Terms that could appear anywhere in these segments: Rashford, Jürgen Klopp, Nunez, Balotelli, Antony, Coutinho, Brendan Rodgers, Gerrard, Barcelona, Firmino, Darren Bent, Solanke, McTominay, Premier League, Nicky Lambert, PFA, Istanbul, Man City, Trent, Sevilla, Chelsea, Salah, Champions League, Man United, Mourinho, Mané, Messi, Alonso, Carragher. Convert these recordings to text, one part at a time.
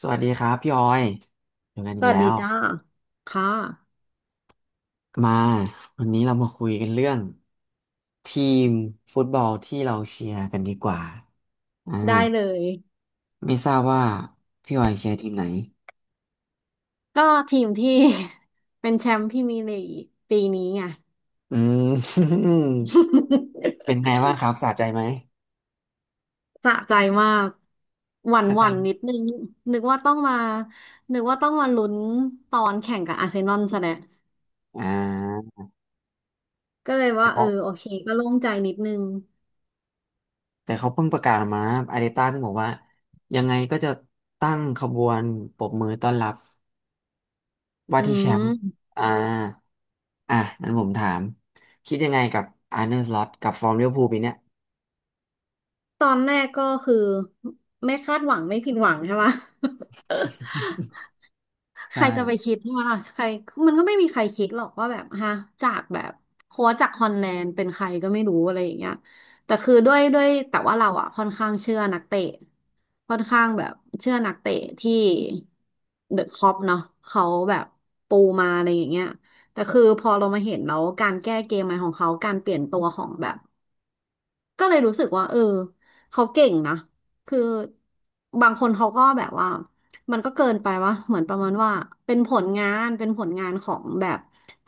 สวัสดีครับพี่ออยเจอกันสอีกวัสแล้ดีว จ้าค่ะมาวันนี้เรามาคุยกันเรื่องทีมฟุตบอลที่เราเชียร์กันดีกว่าอ่าได้เลยไม่ทราบว่าพี่ออยเชียร์ทีมไหนก็ทีมที่ เป็นแชมป์พรีเมียร์ลีกปีนี้ไง อืม เป็นไง บ้างครับสะใจไหมสะใจมากหวั่นสะหใจวั่นไหมนิดนึงนึกว่าต้องมานึกว่าต้องมาลุ้นตอนแข่งกับอาร์เซนอลซะแล้วอ่าก็เลยแต่ว่าเอเขาอโอเคก็โล่งใจนิดนึงแต่เขาเพิ่งประกาศออกมานะอาร์เตต้าเพิ่งบอกว่ายังไงก็จะตั้งขบวนปรบมือต้อนรับว่าอืที่แชมมป์อ่า อ่ะงั้นผมถามคิดยังไงกับอาร์เน l สล็อตกับฟอร์มลิเวอร์พูลปีเนี้ย ตอนแรกก็คือไม่คาดหวังไม่ผิดหวังใช่ปะ ใใครจะไปช่คิดว่าล่ะใครมันก็ไม่มีใครคิดหรอกว่าแบบฮะจากแบบโค้ชจากฮอลแลนด์เป็นใครก็ไม่รู้อะไรอย่างเงี้ยแต่คือด้วยแต่ว่าเราอ่ะค่อนข้างเชื่อนักเตะค่อนข้างแบบเชื่อนักเตะที่เดอะคล็อปเนาะเขาแบบปูมาอะไรอย่างเงี้ยแต่คือพอเรามาเห็นแล้วการแก้เกมใหม่ของเขาการเปลี่ยนตัวของแบบ ก็เลยรู้สึกว่าเออเขาเก่งนะคือบางคนเขาก็แบบว่ามันก็เกินไปว่าเหมือนประมาณว่าเป็นผลงานของแบบ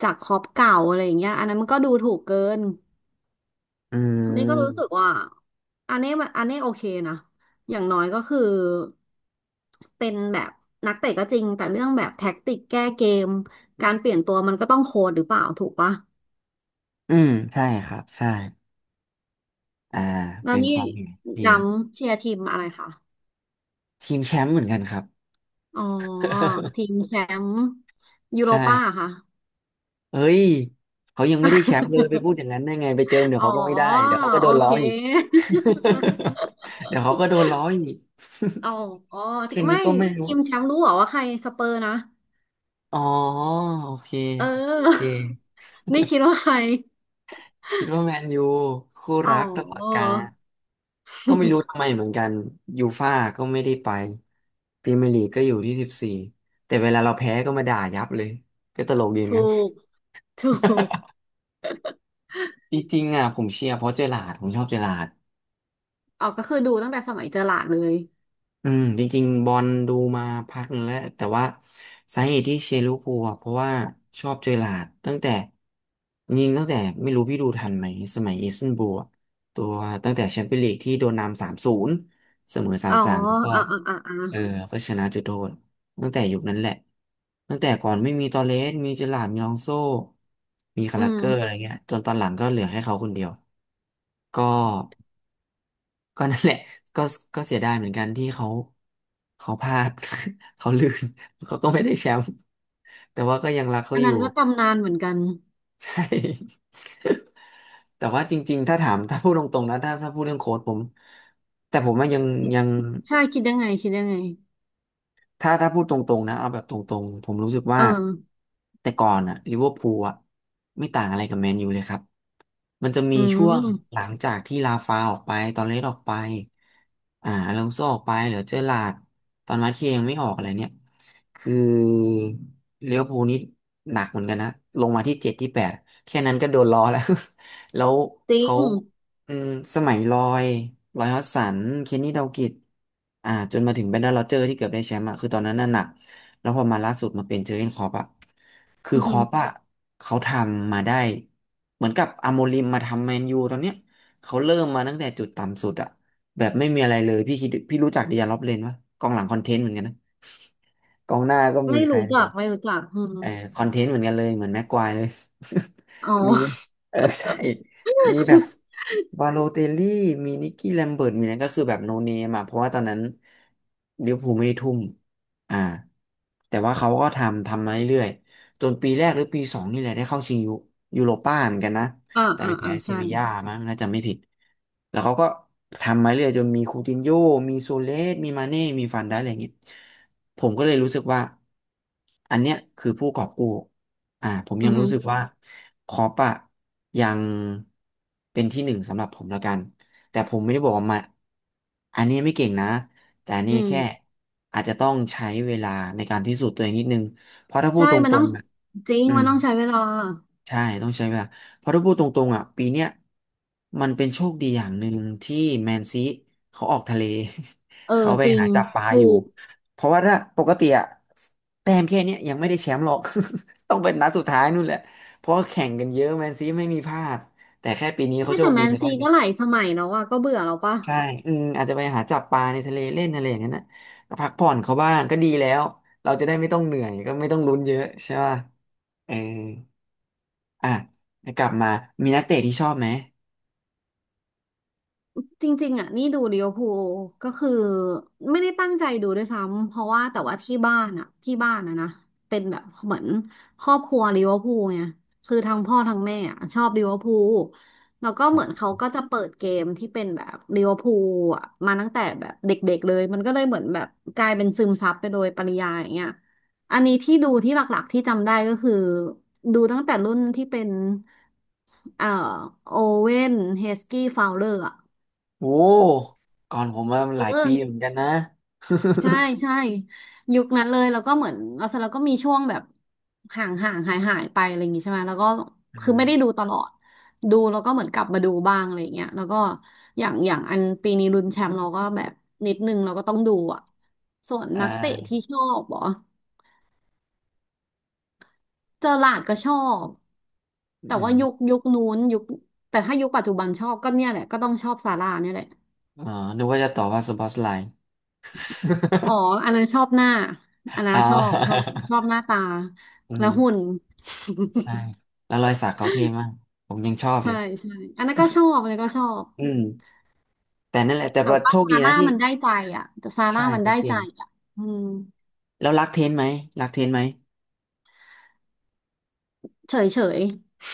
จากคอปเก่าอะไรอย่างเงี้ยอันนั้นมันก็ดูถูกเกินอืนี่ก็รู้สึมกว่าอันนี้โอเคนะอย่างน้อยก็คือเป็นแบบนักเตะก็จริงแต่เรื่องแบบแท็กติกแก้เกมการเปลี่ยนตัวมันก็ต้องโค้ดหรือเปล่าถูกปะอืมใช่ครับใช่อ่าแล้วเป็นนี่ความเห็นดีดำเชียร์ทีมอะไรคะ ทีมแชมป์เหมือนกันครับ อ๋อทีม แชมป์ยูโรป้าใช่ค่ะ เฮ้ยเขายังไม่ได้แชมป์เลยไปพูด อย่างนั้นได้ไงไปเจิมเดี๋ยวอ๋อเขาก็ไม่ได้เดี๋ยวเขาก็โดโอนล้อเค อีก เดี๋ยวเขาก็โดนล้ออีกอ๋ออ๋อที่แค่นี้ไม่ก็ไม่รู้ทีมแชมป์รู้เหรอว่าใครสเปอร์นะอ๋อโอเคเอโอเคอ นี่คิดว่าใครคิดว่าแมนยูคู่อ๋รักตลอดอ กาล ก็ไม่รู้ ทำไมเหมือนกันยูฟ่าก็ไม่ได้ไปพรีเมียร์ลีกก็อยู่ที่14แต่เวลาเราแพ้ก็มาด่ายับเลยก็ตลกดีเหมือนถูกัน กถูก จริงๆอ่ะผมเชียร์เพราะเจอร์ราร์ดผมชอบเจอร์ราร์ด อ๋อก็คือดูตั้งแต่สมัยเจอหลาดเลยอืมจริงๆบอลดูมาพักหนึ่งแล้วแต่ว่าสาเหตุที่เชียร์ลิเวอร์พูลอะเพราะว่าชอบเจอหลาร์ดตั้งแต่จริงๆตั้งแต่ไม่รู้พี่ดูทันไหมสมัยอิสตันบูลอะตัวตั้งแต่แชมเปี้ยนลีกที่โดนนำ3-0เสมอสาอ๋มอสามก็อ่ะอ่ะอ่ะอ่เออะก็ชนะจุดโทษตั้งแต่ยุคนั้นแหละตั้งแต่ก่อนไม่มีตอเรสมีเจอหลาร์ดมีอลองโซมีคาอืรามเกอร์อะไรเงี้ยจนตอนหลังก็เหลือให้เขาคนเดียวก็ ก็นั่นแหละ ก็เสียดายเหมือนกันที่เขาพลาด เขาลื่น เขาก็ไม่ได้แชมป์ แต่ว่าก็ยังรักเขาอันอยู่ นั้นก็ตำนานเหมือนกัน ใช่ แต่ว่าจริงๆถ้าถามถ้าพูดตรงๆนะถ้าพูดเรื่องโค้ชผมแต่ผมว่ายังยังใช่คิดยังไงถ้าพูดตรงๆนะเอาแบบตรงๆผมรู้สึกว่าเออแต่ก่อนอะลิเวอร์พูลอะไม่ต่างอะไรกับแมนยูเลยครับ มันจะมีอืช่วงหมลังจากที่ลาฟาออกไปตอนเลสออกไปอลองโซออกไปเหลือเจอร์ลาร์ดตอนมาร์เทียยังไม่ออกอะไรเนี่ยคือเลี้ยวภูลนี่หนักเหมือนกันนะลงมาที่7ที่8แค่นั้นก็โดนล้อแล้ว แล้วจริเขางอืมสมัยลอยฮอสสันเคนนี่ดาวกิชจนมาถึงแบรนดอน rodgers อร์ที่เกือบได้แชมป์อะคือตอนนั้นน่ะหนักแล้วพอมาล่าสุดมาเป็นเจอร์เก้นคล็อปอะคืออือคหืล็อ อปอะเขาทำมาได้ เหมือนกับอาโมริมมาทำแมนยูตอนเนี้ยเขาเริ่มมาตั้งแต่จุดต่ำสุดอะแบบไม่มีอะไรเลยพี่คิดพี่รู้จักเดียร์ล็อบเลนปะกองหลังคอนเทนต์เหมือนกันนะกองหน้าก็มีไม่ใคร รู้จักไม่รู้จักอืมเออคอนเทนต์เหมือนกันเลยเหมือนแม็กควายเลย อ๋ มีอเออใช่มีแบบวาโลเตลลี่มีนิกกี้แลมเบิร์ตมีนั้นก็คือแบบโนเนมอ่ะเพราะว่าตอนนั้นลิเวอร์พูลไม่ได้ทุ่มอ่าแต่ว่าเขาก็ทำมาเรื่อยๆจนปีแรกหรือปีสองนี่แหละได้เข้าชิงยูโรป้าเหมือนกันนะอ่าแต่อ่าไปอ่าแพ้เซใช่บีย่ามั้งน่าจะไม่ผิดแล้วเขาก็ทำมาเรื่อยจนมีคูตินโญ่มีโซเลสมีมาเน่มีฟันได้อะไรอย่างงี้ ผมก็เลยรู้สึกว่าอันเนี้ยคือผู้กอบกู้ผมอืยัองหืรู้อสึกว่าคอปอะยังเป็นที่หนึ่งสำหรับผมแล้วกันแต่ผมไม่ได้บอกว่ามาอันนี้ไม่เก่งนะแต่อันอืนี้มแค่อาจจะต้องใช้เวลาในการพิสูจน์ตัวเองนิดนึงเพราะถ้าพูใช่ดตมันรต้องงๆอะจริงอืม มันต้องใช้เวลาใช่ต้องใช้เวลาเพราะถ้าพูดตรงๆอ่ะปีเนี้ยมันเป็นโชคดีอย่างหนึ่งที่แมนซีเขาออกทะเล เอ เขาอไปจริหางจับปลาถูอยู่กเพราะว่าถ้าปกติอ่ะแต้มแค่เนี้ยยังไม่ได้แชมป์หรอก ต้องเป็นนัดสุดท้ายนู่นแหละเพราะว่าแข่งกันเยอะแมนซีไม่มีพลาดแต่แค่ปีนี้เขาไม่โชแต่คแมดีนเขาซีเนี่ก็ยหลายสมัยแล้วอะก็เบื่อแล้วปะ ใช่อืมอาจจะไปหาจับปลาในทะเลเล่นอะไรอย่างนั้นนะพักผ่อนเขาบ้างก็ดีแล้วเราจะได้ไม่ต้องเหนื่อยก็ไม่ต้องลุ้นเยอะใช่ป่ะเออ อ่ะกลับมามีนักเตะที่ชอบไหม จริงๆอ่ะนี่ดูลิเวอร์พูลก็คือไม่ได้ตั้งใจดูด้วยซ้ำเพราะว่าแต่ว่าที่บ้านอ่ะนะเป็นแบบเหมือนครอบครัวลิเวอร์พูลไงคือทั้งพ่อทั้งแม่อ่ะชอบลิเวอร์พูลแล้วก็เหมือนเขาก็จะเปิดเกมที่เป็นแบบลิเวอร์พูลอ่ะมาตั้งแต่แบบเด็กๆเลยมันก็เลยเหมือนแบบกลายเป็นซึมซับไปโดยปริยายอย่างเงี้ยอันนี้ที่ดูที่หลักๆที่จำได้ก็คือดูตั้งแต่รุ่นที่เป็นเอ่อโอเว่นเฮสกี้ฟาวเลอร์ โอ้ก่อนผมมาเอหลายอปียุเหมือนคกันนะ ใช่ใช่ยุคนั้นเลยแล้วก็เหมือนเราเสร็จแล้วก็มีช่วงแบบห่างห่างหายหายไปอะไรอย่างงี้ใช่ไหมแล้วก็ อืคือไม่ได้ดูมตลอดดูแล้วก็เหมือนกลับมาดูบ้างอะไรอย่างเงี้ยแล้วก็อย่างอันปีนี้ลุ้นแชมป์เราก็แบบนิดนึงเราก็ต้องดูอ่ะส่วนอ่นักเตะาที่ชอบเหรอเจอหลาร์ดก็ชอบอืแต่ว่ายุคมยุคนู้นยุคแต่ถ้ายุคปัจจุบันชอบก็เนี่ยแหละก็ต้องชอบซาร่าเนี่ยแหละ อ๋อนึกว่าจะตอบว่าสปอตไลน์ อ๋อ อันนั้นชอบหน้าอันนั้อ่นชอบชอบา ชอบหน้าตา อืและมหุ่นใช่แล้วรอยสักเขาเท่มากผมยังชอบเลใช่ยใช่อันนั้นก็ชอบอันนั้นก็ชอบอืมแต่นั่นแหละแต่แต่ว่าว่าโชคซาดีนะร่าที่ มันได้ใจอ่ะแต่ซาใช่ร่ามันเขาได้เก่ใจงอ่ะอืมแล้วรักเทนไหมเฉยเฉย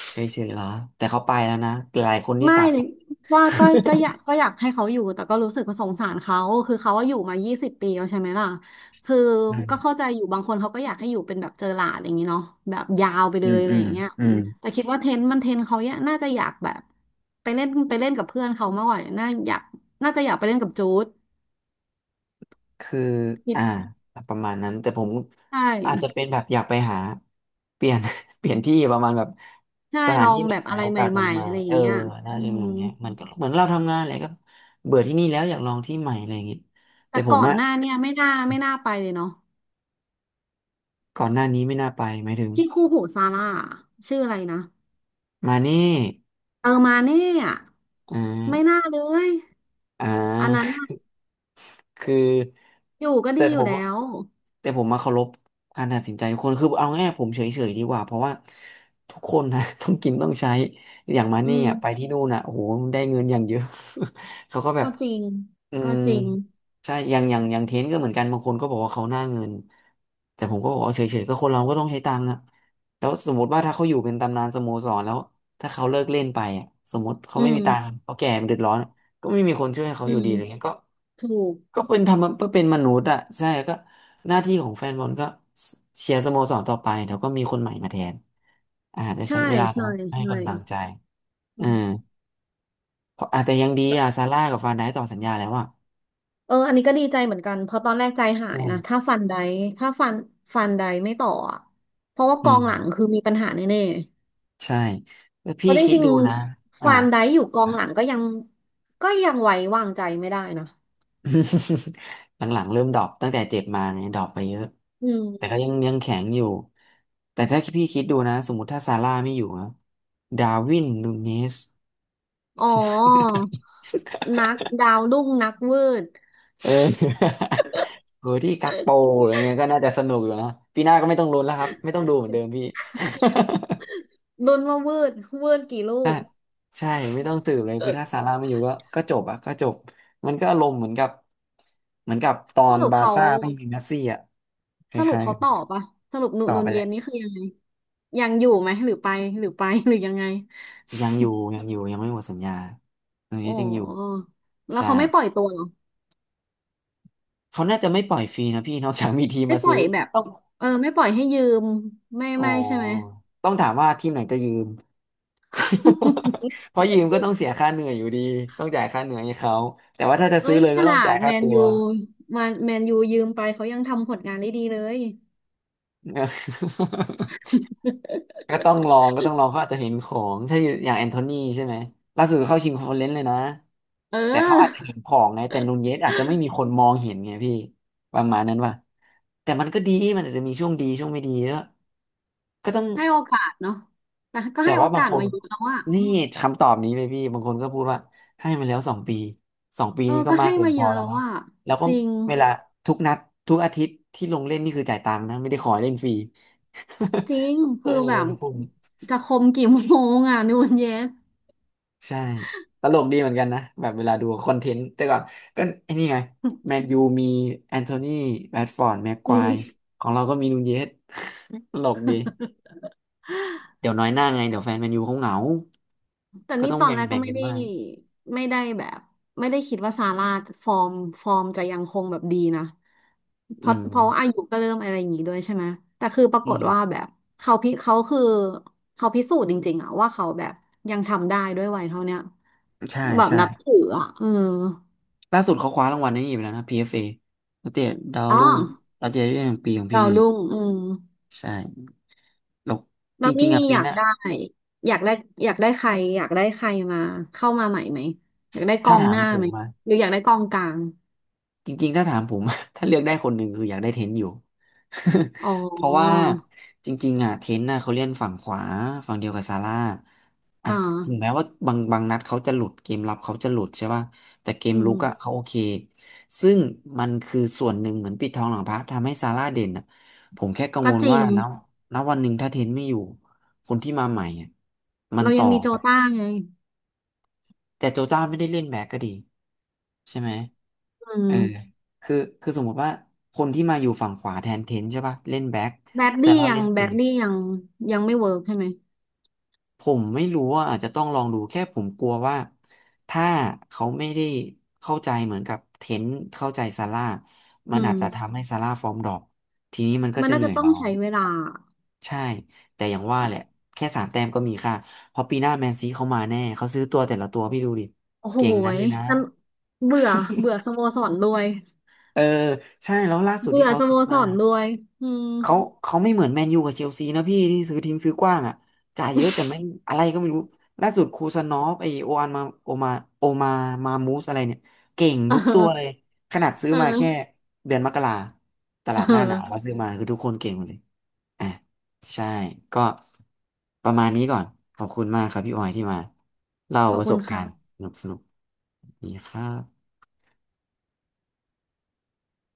เฉยๆเหรอแต่เขาไปแล้วนะหลายคนนี่ไม่สาปส่ง ก็อยากก็อยากให้เขาอยู่แต่ก็รู้สึกว่าสงสารเขาคือเขาว่าอยู่มายี่สิบปีแล้วใช่ไหมล่ะคือ อืม ก็เข้า ใจอยู่บางคนเขาก็อยากให้อยู่เป็นแบบเจอหลาดอย่างนี้เนาะแบบยาวไปอืเลมยอะอืไรอมย่างเงี้ยอืม แต่คิดว่าเทนมันเทนเขาเนี่ยน่าจะอยากแบบไปเล่นกับเพื่อนเขามากกว่าน่าอยากน่าจะอยากไปเล่นกับจูดคือคิดอ่าประมาณนั้นแต่ผมใช่อาจจะเป็นแบบอยากไปหาเปลี่ยน เปลี่ยนที่ประมาณแบบใช่สถาลนอที่งใหแบบม่อะๆไรโอใหกาสม่ใหๆม่อะไรอๆเอย่าองเงี้ยน่าอืจะเปนอมย่างเงี้ยมันก็เหมือนเราทำงานอะไรก็เบื่อที่นี่แล้วอยากลองที่ใหม่อะไรอย่างเงี้ยแต่แต่ผมก่อนอะหน้าเนี่ยไม่น่าไปเลยเนาะก่อนหน้านี้ไม่น่าไปหมายถึงที่คู่หูซาร่าชื่ออะไรนะมานี่เออมาเน่อะ อ่ไม่าน่าเลยอ่อันนั้นา น่ะคืออยู่ก็ดีแต่อผยู่มแล้อะว แต่ผมมาเคารพการตัดสินใจทุกคนคือเอาง่ายๆผมเฉยๆดีกว่าเพราะว่าทุกคนนะ ต้องกินต้องใช้อย่างมาอืเนี่มยไปที่นู่นอ่ะโอ้โหได้เงินอย่างเยอะ เขาก็แบบก็จริงอืก็มจริงใช่อย่างเทนก็เหมือนกันบางคนก็บอกว่าเขาหน้าเงินแต่ผมก็บอกว่าเฉยๆก็คนเราก็ต้องใช้ตังค์อ่ะแล้วสมมติว่าถ้าเขาอยู่เป็นตำนานสโมสรแล้วถ้าเขาเลิกเล่นไปอ่ะสมมติเขาอืไม่มมีตังค์เขาแก่เดือดร้อนก็ไม่มีคนช่วยเขาอือยู่มดีอะไรเงี้ยก็ ถูกก็เป็นทำเพเป็นมนุษย์อ่ะใช่ก็หน้าที่ของแฟนบอลก็เชียร์สโมสรต่อไปเดี๋ยวก็มีคนใหม่มาแทนอาจจะใช่ใช้เวลาแต่ใช่ว่าให้ใช่กำลังใจอือืมมเพราะอาจจะยังดีอ่ะซาร่ากับฟานไดต่อสัญญาแล้วอ่ะเอออันนี้ก็ดีใจเหมือนกันเพราะตอนแรกใจหายอืนะถ้าฟันไดถ้าฟันฟันไดไม่ต่ออะเพราะว่ากอือมงหลังคือมีปัญหาแน่ใช่แล้วๆเพพี่ราะจคิดริงดูนะๆอ่า ฟันไดอยู่กองหลังก็ยัง ก็ยังไว้วางใจไม่ได้นะ หลังๆเริ่มดรอปตั้งแต่เจ็บมาไงดรอปไปเยอะอืแต่มก็ยังแข็งอยู่แต่ถ้าพี่คิดดูนะสมมติถ้าซาร่าไม่อยู่นะดาร์วินนูเนส อ๋อ นักดาวรุ่งนักวืด เออ โหที่กักโปอะไรเงี้ยก็น่าจะสนุกอยู่นะปีหน้าก็ไม่ต้องลุ้นแล้วครับไม่ต้องดูเหมือนเดิมพี่ ลุ้นว่าวืดวืดกี่ลูก ใช่ไม่ต้องสืบเลยคือถ้าซาร่าไม่อยู่ก็จบอะก็จบมันก็อารมณ์เหมือนกับตอสนรุปบาร์เขาซ่าไม่มีเมสซี่อะคสรุปล้ายเขาตอบปะสรุปๆต่อนุไปนแหเย็นละนี่คือยังไงยังอยู่ไหมหรือไปหรือไปหรือยังไง ยังอยู่ยังอยู่ยังไม่หมดสัญญาตรง โอ้ นี้ยังอยู่ แล้วใช่เขาไม่ปล่อยตัวเหรอเขาน่าจะไม่ปล่อยฟรีนะพี่ นอกจากมีทีมไม่มาปล่ซื้ออยแบบต้องเออไม่ปล่อยให้ยืมไม่อ๋อไม่ใช่ไหม ต้องถามว่าทีมไหนจะยืม เพราะยืมก็ต้องเสียค่าเหนื่อยอยู่ดี ต้องจ่ายค่าเหนื่อยให้เขาแต่ว่าถ้าจะเอ้ซื้อยเลยขก็ต้อนางจ่าดยแมค่านตัว ยูมาแมนยูยืมไปเขายังทำผลงานได้ดีเลย ก็ต้องล องก็ต้องลองเขาอาจจะเห็นของถ้าอย่างแอนโทนีใช่ไหมล่าสุดเข้าชิงคอนเฟอเรนซ์เลยนะเแต่เขาอาจจะออเห็นของไง แต่นูนเยสอาจจะไม่มีคนมองเห็นไงพี่ประมาณนั้นว่ะแต่มันก็ดีมันอาจจะมีช่วงดีช่วงไม่ดีก็ก็ต้อง ให้โอกาสเนาะแต่ก็แต่ให้โอว่าบางกาสคนมาเยอะแล้วอะนี่คำตอบนี้เลยพี่บางคนก็พูดว่าให้มาแล้วสองปีสองปีเออนี้ก็ก็มาให้กเกินมาพเยออะแล้วแล้วนะอะแล้วก็จริง เวลาทุกนัดทุกอาทิตย์ที่ลงเล่นนี่คือจ่ายตังค์นะไม่ได้ขอให้เล่นฟรี จริง เออคือแบคบนพวกนี้จะคมกี่โมงอ่ะนูนเยส ใช่ตลกดีเหมือนกันนะแบบเวลาดูคอนเทนต์แต่ก่อนก็ไอ้นี่ไงแมน ยูมีแอนโทนีแรชฟอร์ดแม็กคอืวายมของเราก็มีนูนเยส ตลกดีเดี๋ยวน้อยหน้าไงเดี๋ยวแฟนแมนยูเขาเหงาแต่ก็นี่ต้องตอนแบ่งแรกแบ่ก็งไม่กันได้บ้างไม่ได้แบบไม่ได้คิดว่าซาร่าจะฟอร์มฟอร์มจะยังคงแบบดีนะเพอืราะมเพราะว่าอายุก็เริ่มอะไรอย่างงี้ด้วยใช่ไหมแต่คือปราอืกฏม ว่าแบบเขาพิเขาคือเขาพิสูจน์จริงๆอะว่าเขาแบบยังทำได้ด้วยวัยเท่าเนี้ยใช่แบบใช่นับถืออะเออล่าสุดเขาคว้ารางวัลนี้อีกแล้วนะ PFA นักเตะดาวอ๋อรุ่งรับยอดเยาวชนแห่งปีของพรีดาวเมียร์ลีรุ่กงอืม ใช่แล้วแล้จวรินี่งๆอ่ะอปียาหกน้าได้อยากได้อยากได้ใครอยากได้ใครมาเข้ามาใหม่ไหมอยากได้กถ้าองถาหมน้าผไหมมมา หรืออยากได้กองกลางจริงๆถ้าถามผม ถ้าเลือกได้คนหนึ่งคืออยากได้เทนอยู่ อ๋อ เพราะว่าจริงๆอ่ะเทนน่ะเขาเล่นฝั่งขวาฝั่งเดียวกับซาร่าอ่ะอ่าถึงแม้ว่าบางนัดเขาจะหลุดเกมรับเขาจะหลุดใช่ป่ะแต่เกมอืลุมกอ่ะเขาโอเคซึ่งมันคือส่วนหนึ่งเหมือนปิดทองหลังพระทำให้ซาร่าเด่นอ่ะผมแค่กังก็วลจริว่างแล้วณวันหนึ่งถ้าเทนไม่อยู่คนที่มาใหม่อ่ะมันเราต่ยัองมีโจแบบต้าไงแต่โจต้าไม่ได้เล่นแบ็คก็ดีใช่ไหม อืเออมคือคือสมมติว่าคนที่มาอยู่ฝั่งขวาแทนเทนใช่ป่ะเล่นแบ็คแบดซาดี้ร่ายัเล่งนแบปีดดี้กยังยังไม่เวิร์กใช่ไหมผมไม่รู้ว่าอาจจะต้องลองดูแค่ผมกลัวว่าถ้าเขาไม่ได้เข้าใจเหมือนกับเทนเข้าใจซาร่ามัอืนอามจจะทำให้ซาร่าฟอร์มดรอปทีนี้มันก็มันจะน่าเหนื่จะอยต้องเราใช้เวลาใช่แต่อย่างว่าแหละแค่3 แต้มก็มีค่าเพราะปีหน้าแมนซีเขามาแน่เขาซื้อตัวแต่ละตัวพี่ดูดิโอ้โหเก่งนั้นยเลยนะ นั่นเบื่อเบื่อส โมสรด้วยเออใช่แล้วล่าสุดเบื่ที่อเขาสโมซื้อสมา รด้วยอืม เขาเขาไม่เหมือนแมนยูกับเชลซีนะพี่ที่ซื้อทิ้งซื้อกว้างอ่ะจ่ายเยอะแต่ไม่อะไรก็ไม่รู้ล่าสุดคูซานอฟไอโออันมาโอมามามูสอะไรเนี่ยเก่ง เออทุกตัวเลยขนาดซื้เอออมาแค่เดือนมกราตลาดเอหน้าหนาวมาอซื้อมาคือทุกคนเก่งหมดเลยอ่ะใช่ก็ประมาณนี้ก่อนขอบคุณมากครับพี่ออยที่มาเล่าขอปบระคุสณบกาค่ะรณ์สนุกสนุกดีครับ